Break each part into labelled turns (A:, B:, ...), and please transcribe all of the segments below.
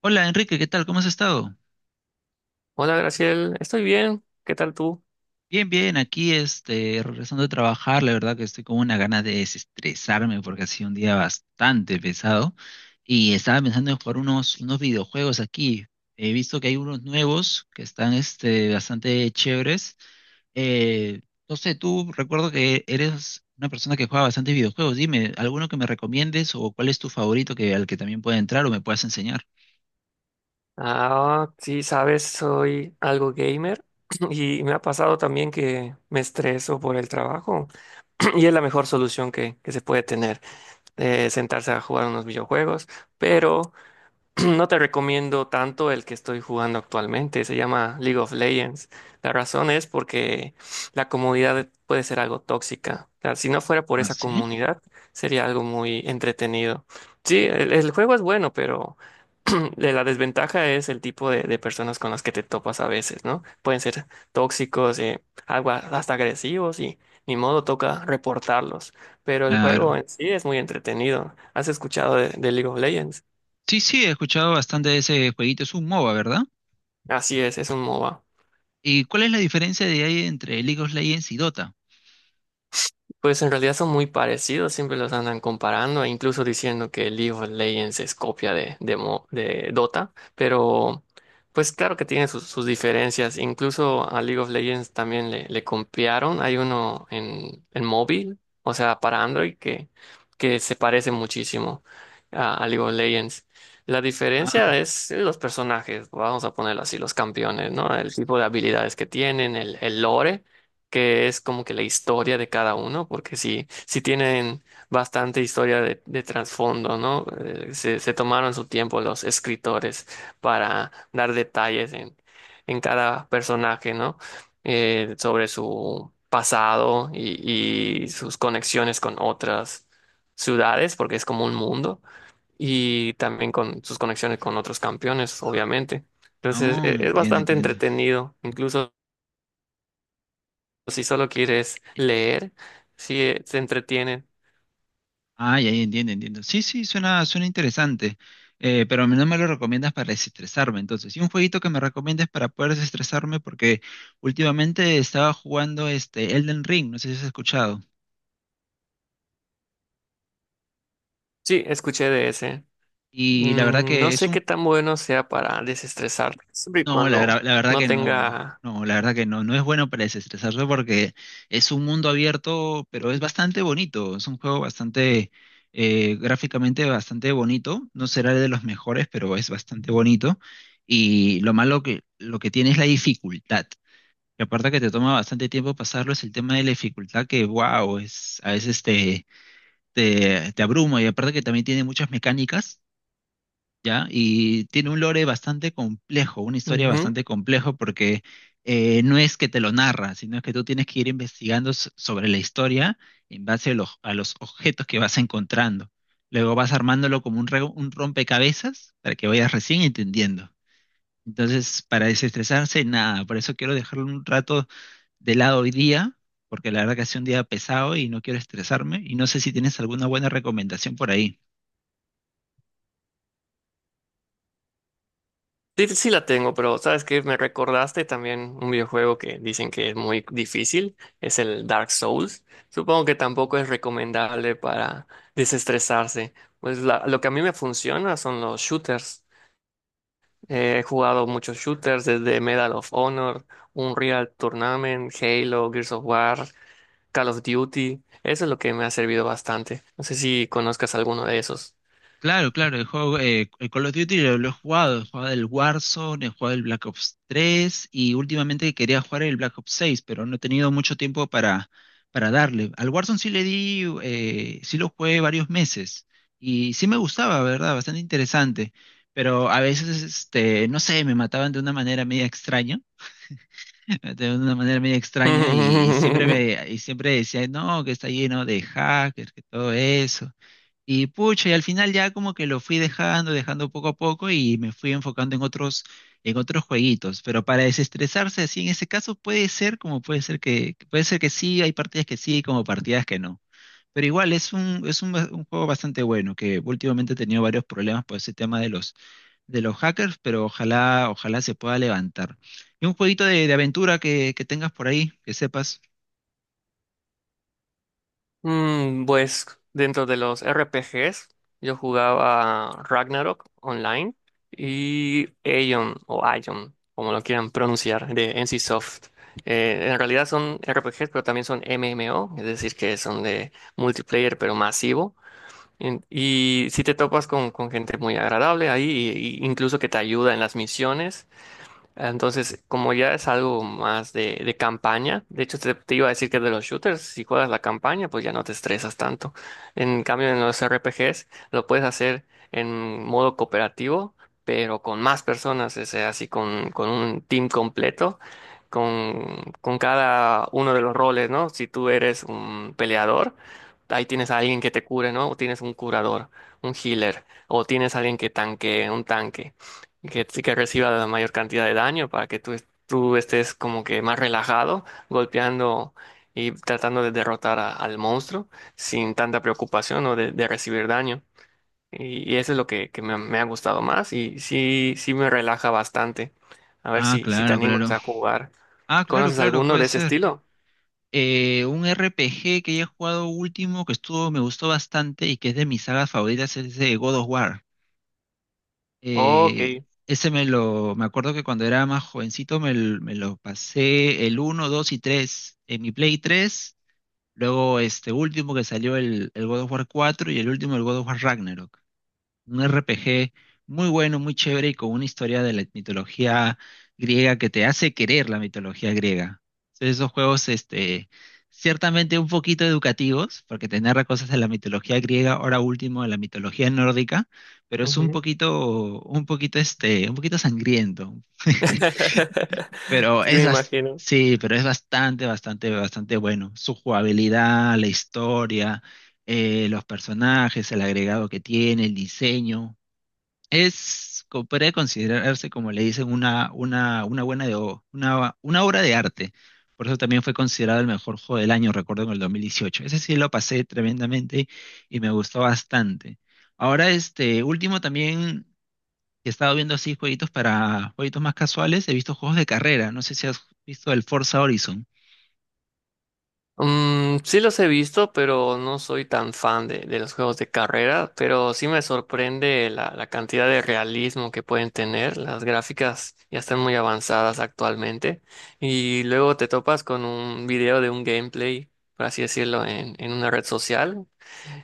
A: Hola, Enrique, ¿qué tal? ¿Cómo has estado?
B: Hola, Graciel, estoy bien. ¿Qué tal tú?
A: Bien, bien, aquí regresando a trabajar. La verdad que estoy con una gana de desestresarme porque ha sido un día bastante pesado y estaba pensando en jugar unos videojuegos aquí. He visto que hay unos nuevos que están bastante chéveres. Eh, no sé, tú recuerdo que eres una persona que juega bastante videojuegos. Dime, ¿alguno que me recomiendes o cuál es tu favorito al que también pueda entrar o me puedas enseñar?
B: Ah, sí, sabes, soy algo gamer y me ha pasado también que me estreso por el trabajo y es la mejor solución que se puede tener, sentarse a jugar unos videojuegos, pero no te recomiendo tanto el que estoy jugando actualmente, se llama League of Legends. La razón es porque la comunidad puede ser algo tóxica. O sea, si no fuera por
A: Ah,
B: esa
A: sí,
B: comunidad, sería algo muy entretenido. Sí, el juego es bueno, pero la desventaja es el tipo de personas con las que te topas a veces, ¿no? Pueden ser tóxicos, algo hasta agresivos y ni modo toca reportarlos. Pero el
A: claro.
B: juego en sí es muy entretenido. ¿Has escuchado de League of Legends?
A: Sí, sí, he escuchado bastante de ese jueguito. Es un MOBA, ¿verdad?
B: Así es un MOBA.
A: ¿Y cuál es la diferencia de ahí entre League of Legends y Dota?
B: Pues en realidad son muy parecidos, siempre los andan comparando e incluso diciendo que League of Legends es copia de Dota, pero pues claro que tiene sus, sus diferencias. Incluso a League of Legends también le copiaron. Hay uno en móvil, o sea, para Android, que se parece muchísimo a League of Legends. La
A: Ah,
B: diferencia es los personajes, vamos a ponerlo así, los campeones, ¿no? El tipo de habilidades que tienen, el lore, que es como que la historia de cada uno, porque sí, sí tienen bastante historia de trasfondo, ¿no? Se tomaron su tiempo los escritores para dar detalles en cada personaje, ¿no? Sobre su pasado y sus conexiones con otras ciudades, porque es como un mundo, y también con sus conexiones con otros campeones, obviamente. Entonces,
A: oh,
B: es
A: entiendo,
B: bastante
A: entiendo.
B: entretenido, incluso o si solo quieres leer, si se entretienen.
A: Ah, ya, ya, entiendo, entiendo. Sí, sí, suena interesante. Pero no me lo recomiendas para desestresarme, entonces. Y un jueguito que me recomiendes para poder desestresarme, porque últimamente estaba jugando este Elden Ring, no sé si has escuchado.
B: Sí, escuché de ese.
A: Y la verdad
B: Mm, no
A: que es
B: sé
A: un...
B: qué tan bueno sea para desestresar, siempre y
A: No, la,
B: cuando
A: verdad- La verdad
B: no
A: que no.
B: tenga...
A: No, la verdad que no. No es bueno para desestresarse porque es un mundo abierto, pero es bastante bonito. Es un juego bastante, gráficamente bastante bonito. No será de los mejores, pero es bastante bonito. Y lo malo lo que tiene es la dificultad. Y aparte que te toma bastante tiempo pasarlo, es el tema de la dificultad que, wow, es, a veces te abruma. Y aparte que también tiene muchas mecánicas, ¿ya? Y tiene un lore bastante complejo, una historia
B: Ujú.
A: bastante compleja porque no es que te lo narra, sino es que tú tienes que ir investigando sobre la historia en base a a los objetos que vas encontrando. Luego vas armándolo como un rompecabezas para que vayas recién entendiendo. Entonces, para desestresarse, nada, por eso quiero dejarlo un rato de lado hoy día, porque la verdad que ha sido un día pesado y no quiero estresarme, y no sé si tienes alguna buena recomendación por ahí.
B: Sí, sí la tengo, pero ¿sabes que Me recordaste también un videojuego que dicen que es muy difícil, es el Dark Souls. Supongo que tampoco es recomendable para desestresarse. Pues lo que a mí me funciona son los shooters. He jugado muchos shooters desde Medal of Honor, Unreal Tournament, Halo, Gears of War, Call of Duty. Eso es lo que me ha servido bastante. No sé si conozcas alguno de esos.
A: Claro, claro, el juego, el Call of Duty lo he jugado el Warzone, he jugado el Black Ops 3 y últimamente quería jugar el Black Ops 6, pero no he tenido mucho tiempo para darle. Al Warzone sí le di, sí lo jugué varios meses y sí me gustaba, ¿verdad? Bastante interesante, pero a veces, no sé, me mataban de una manera media extraña, de una manera media extraña y siempre decía, no, que está lleno de hackers, que todo eso. Y pucha, y al final ya como que lo fui dejando, dejando poco a poco y me fui enfocando en otros jueguitos. Pero para desestresarse así, en ese caso puede ser, como puede puede ser que sí, hay partidas que sí, como partidas que no. Pero igual es un juego bastante bueno, que últimamente he tenido varios problemas por ese tema de de los hackers, pero ojalá se pueda levantar. Y un jueguito de aventura que tengas por ahí, que sepas.
B: Mm, pues dentro de los RPGs, yo jugaba Ragnarok Online y Aion o Aion, como lo quieran pronunciar, de NCSoft. En realidad son RPGs, pero también son MMO, es decir, que son de multiplayer, pero masivo. Y si te topas con gente muy agradable ahí, y incluso que te ayuda en las misiones, entonces, como ya es algo más de campaña, de hecho te iba a decir que de los shooters, si juegas la campaña, pues ya no te estresas tanto. En cambio, en los RPGs lo puedes hacer en modo cooperativo, pero con más personas, o sea, así con un team completo, con cada uno de los roles, ¿no? Si tú eres un peleador, ahí tienes a alguien que te cure, ¿no? O tienes un curador, un healer, o tienes a alguien que tanque, un tanque que, sí que reciba la mayor cantidad de daño para que tú, tú estés como que más relajado, golpeando y tratando de derrotar al monstruo sin tanta preocupación o de recibir daño. Y eso es lo que me ha gustado más y sí, sí me relaja bastante. A ver
A: Ah,
B: si te
A: claro,
B: animas
A: claro.
B: a jugar.
A: Ah, claro,
B: ¿Conoces
A: claro,
B: alguno
A: puede
B: de ese
A: ser.
B: estilo?
A: Un RPG que he jugado último, que estuvo, me gustó bastante y que es de mis sagas favoritas, es de God of War.
B: Ok.
A: Eh, Ese me acuerdo que cuando era más jovencito me lo pasé el uno, 2 y 3 en mi Play tres. Luego este último que salió el God of War 4 y el último el God of War Ragnarok, un RPG muy bueno, muy chévere y con una historia de la mitología griega que te hace querer la mitología griega. Entonces, esos juegos, ciertamente un poquito educativos, porque te narra cosas de la mitología griega, ahora último de la mitología nórdica, pero es
B: Ujú.
A: un poquito sangriento. Pero
B: Sí,
A: es
B: me imagino.
A: sí, pero es bastante, bastante, bastante bueno. Su jugabilidad, la historia, los personajes, el agregado que tiene, el diseño. Podría considerarse, como le dicen, una buena una obra de arte. Por eso también fue considerado el mejor juego del año, recuerdo, en el 2018. Ese sí lo pasé tremendamente y me gustó bastante. Ahora, este último también he estado viendo así jueguitos para jueguitos más casuales. He visto juegos de carrera. No sé si has visto el Forza Horizon.
B: Mm, sí los he visto, pero no soy tan fan de los juegos de carrera, pero sí me sorprende la cantidad de realismo que pueden tener. Las gráficas ya están muy avanzadas actualmente y luego te topas con un video de un gameplay, por así decirlo, en una red social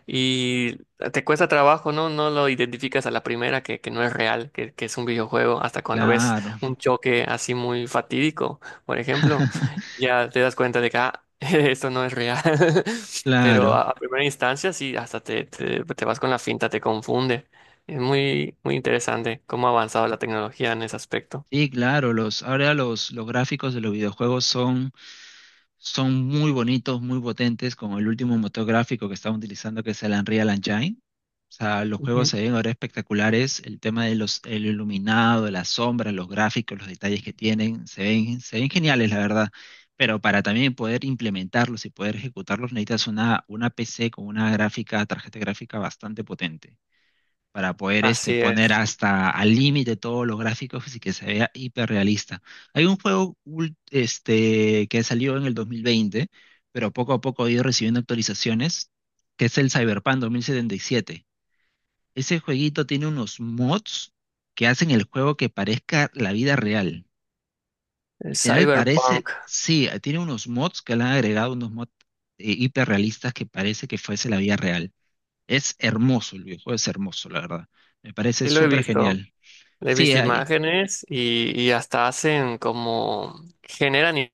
B: y te cuesta trabajo, ¿no? No lo identificas a la primera que no es real, que es un videojuego, hasta cuando ves
A: Claro,
B: un choque así muy fatídico, por ejemplo, ya te das cuenta de que ah, esto no es real. Pero
A: claro.
B: a primera instancia sí, hasta te vas con la finta, te confunde. Es muy, muy interesante cómo ha avanzado la tecnología en ese aspecto.
A: Sí, claro, ahora los gráficos de los videojuegos son muy bonitos, muy potentes, con el último motor gráfico que están utilizando, que es el Unreal Engine. O sea, los juegos
B: Ujú.
A: se ven ahora espectaculares, el tema de los, el iluminado, las sombras, los gráficos, los detalles que tienen, se ven geniales, la verdad. Pero para también poder implementarlos y poder ejecutarlos necesitas una PC con una gráfica, tarjeta gráfica bastante potente para poder
B: Así
A: poner
B: es.
A: hasta al límite todos los gráficos y que se vea hiperrealista. Hay un juego que salió en el 2020, pero poco a poco ha ido recibiendo actualizaciones, que es el Cyberpunk 2077. Ese jueguito tiene unos mods que hacen el juego que parezca la vida real.
B: El
A: Literal parece,
B: Cyberpunk,
A: sí, tiene unos mods que le han agregado unos mods hiperrealistas que parece que fuese la vida real. Es hermoso, el videojuego es hermoso, la verdad. Me parece
B: sí lo he
A: súper
B: visto.
A: genial.
B: He
A: Sí,
B: visto
A: ahí.
B: imágenes y hasta hacen como generan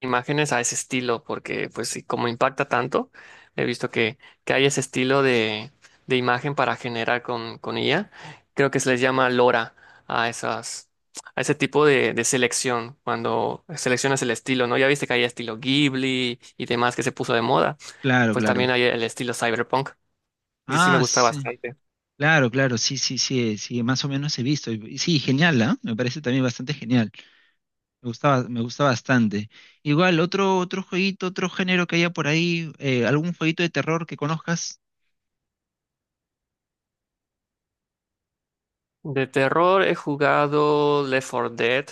B: imágenes a ese estilo, porque pues sí, como impacta tanto, he visto que hay ese estilo de imagen para generar con IA. Creo que se les llama LoRa a esas, a ese tipo de selección, cuando seleccionas el estilo, ¿no? Ya viste que hay estilo Ghibli y demás que se puso de moda.
A: Claro,
B: Pues
A: claro.
B: también hay el estilo cyberpunk. Y sí me
A: Ah,
B: gusta
A: sí.
B: bastante.
A: Claro, claro, sí, sí, sí, sí, más o menos he visto. Y sí, genial, ¿ah? Me parece también bastante genial. Me gusta bastante. Igual, otro jueguito, otro género que haya por ahí, algún jueguito de terror que conozcas.
B: De terror he jugado Left 4 Dead,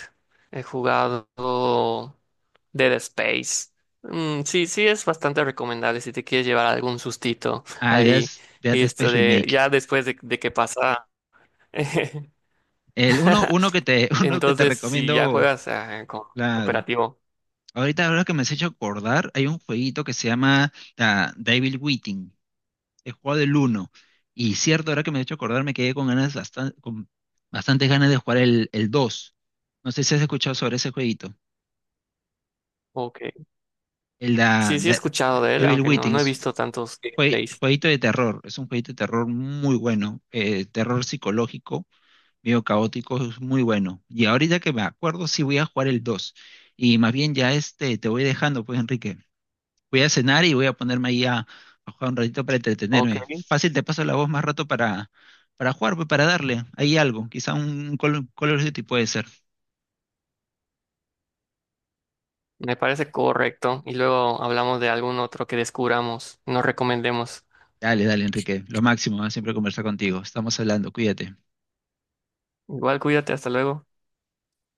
B: he jugado Dead Space. Mm, sí, sí es bastante recomendable si te quieres llevar algún sustito
A: Ah,
B: ahí. Y
A: Dead
B: esto
A: Space
B: de,
A: Remake.
B: ya después de que pasa.
A: Uno que te, uno que te
B: Entonces, si ya
A: recomiendo,
B: juegas ah,
A: claro.
B: cooperativo.
A: Ahorita, ahora que me has hecho acordar, hay un jueguito que se llama, ah, Devil Within. He jugado el uno. Y cierto, ahora que me he hecho acordar, me quedé con ganas con bastantes ganas de jugar el 2. No sé si has escuchado sobre ese jueguito.
B: Ok.
A: El da-
B: Sí, sí he
A: de,
B: escuchado de él,
A: Evil
B: aunque no,
A: Within
B: no he
A: es un
B: visto tantos gameplays.
A: jueguito de terror. Es un jueguito de terror muy bueno. Eh, terror psicológico, medio caótico, es muy bueno. Y ahorita que me acuerdo, sí voy a jugar el dos. Y más bien ya te voy dejando, pues, Enrique. Voy a cenar y voy a ponerme ahí a jugar un ratito para
B: Ok,
A: entretenerme. Fácil, te paso la voz más rato para jugar, pues, para darle ahí algo. Quizá un Call of Duty puede ser.
B: me parece correcto. Y luego hablamos de algún otro que descubramos, nos recomendemos.
A: Dale, dale, Enrique. Lo máximo, ¿ah? Siempre conversar contigo. Estamos hablando, cuídate.
B: Igual cuídate, hasta luego.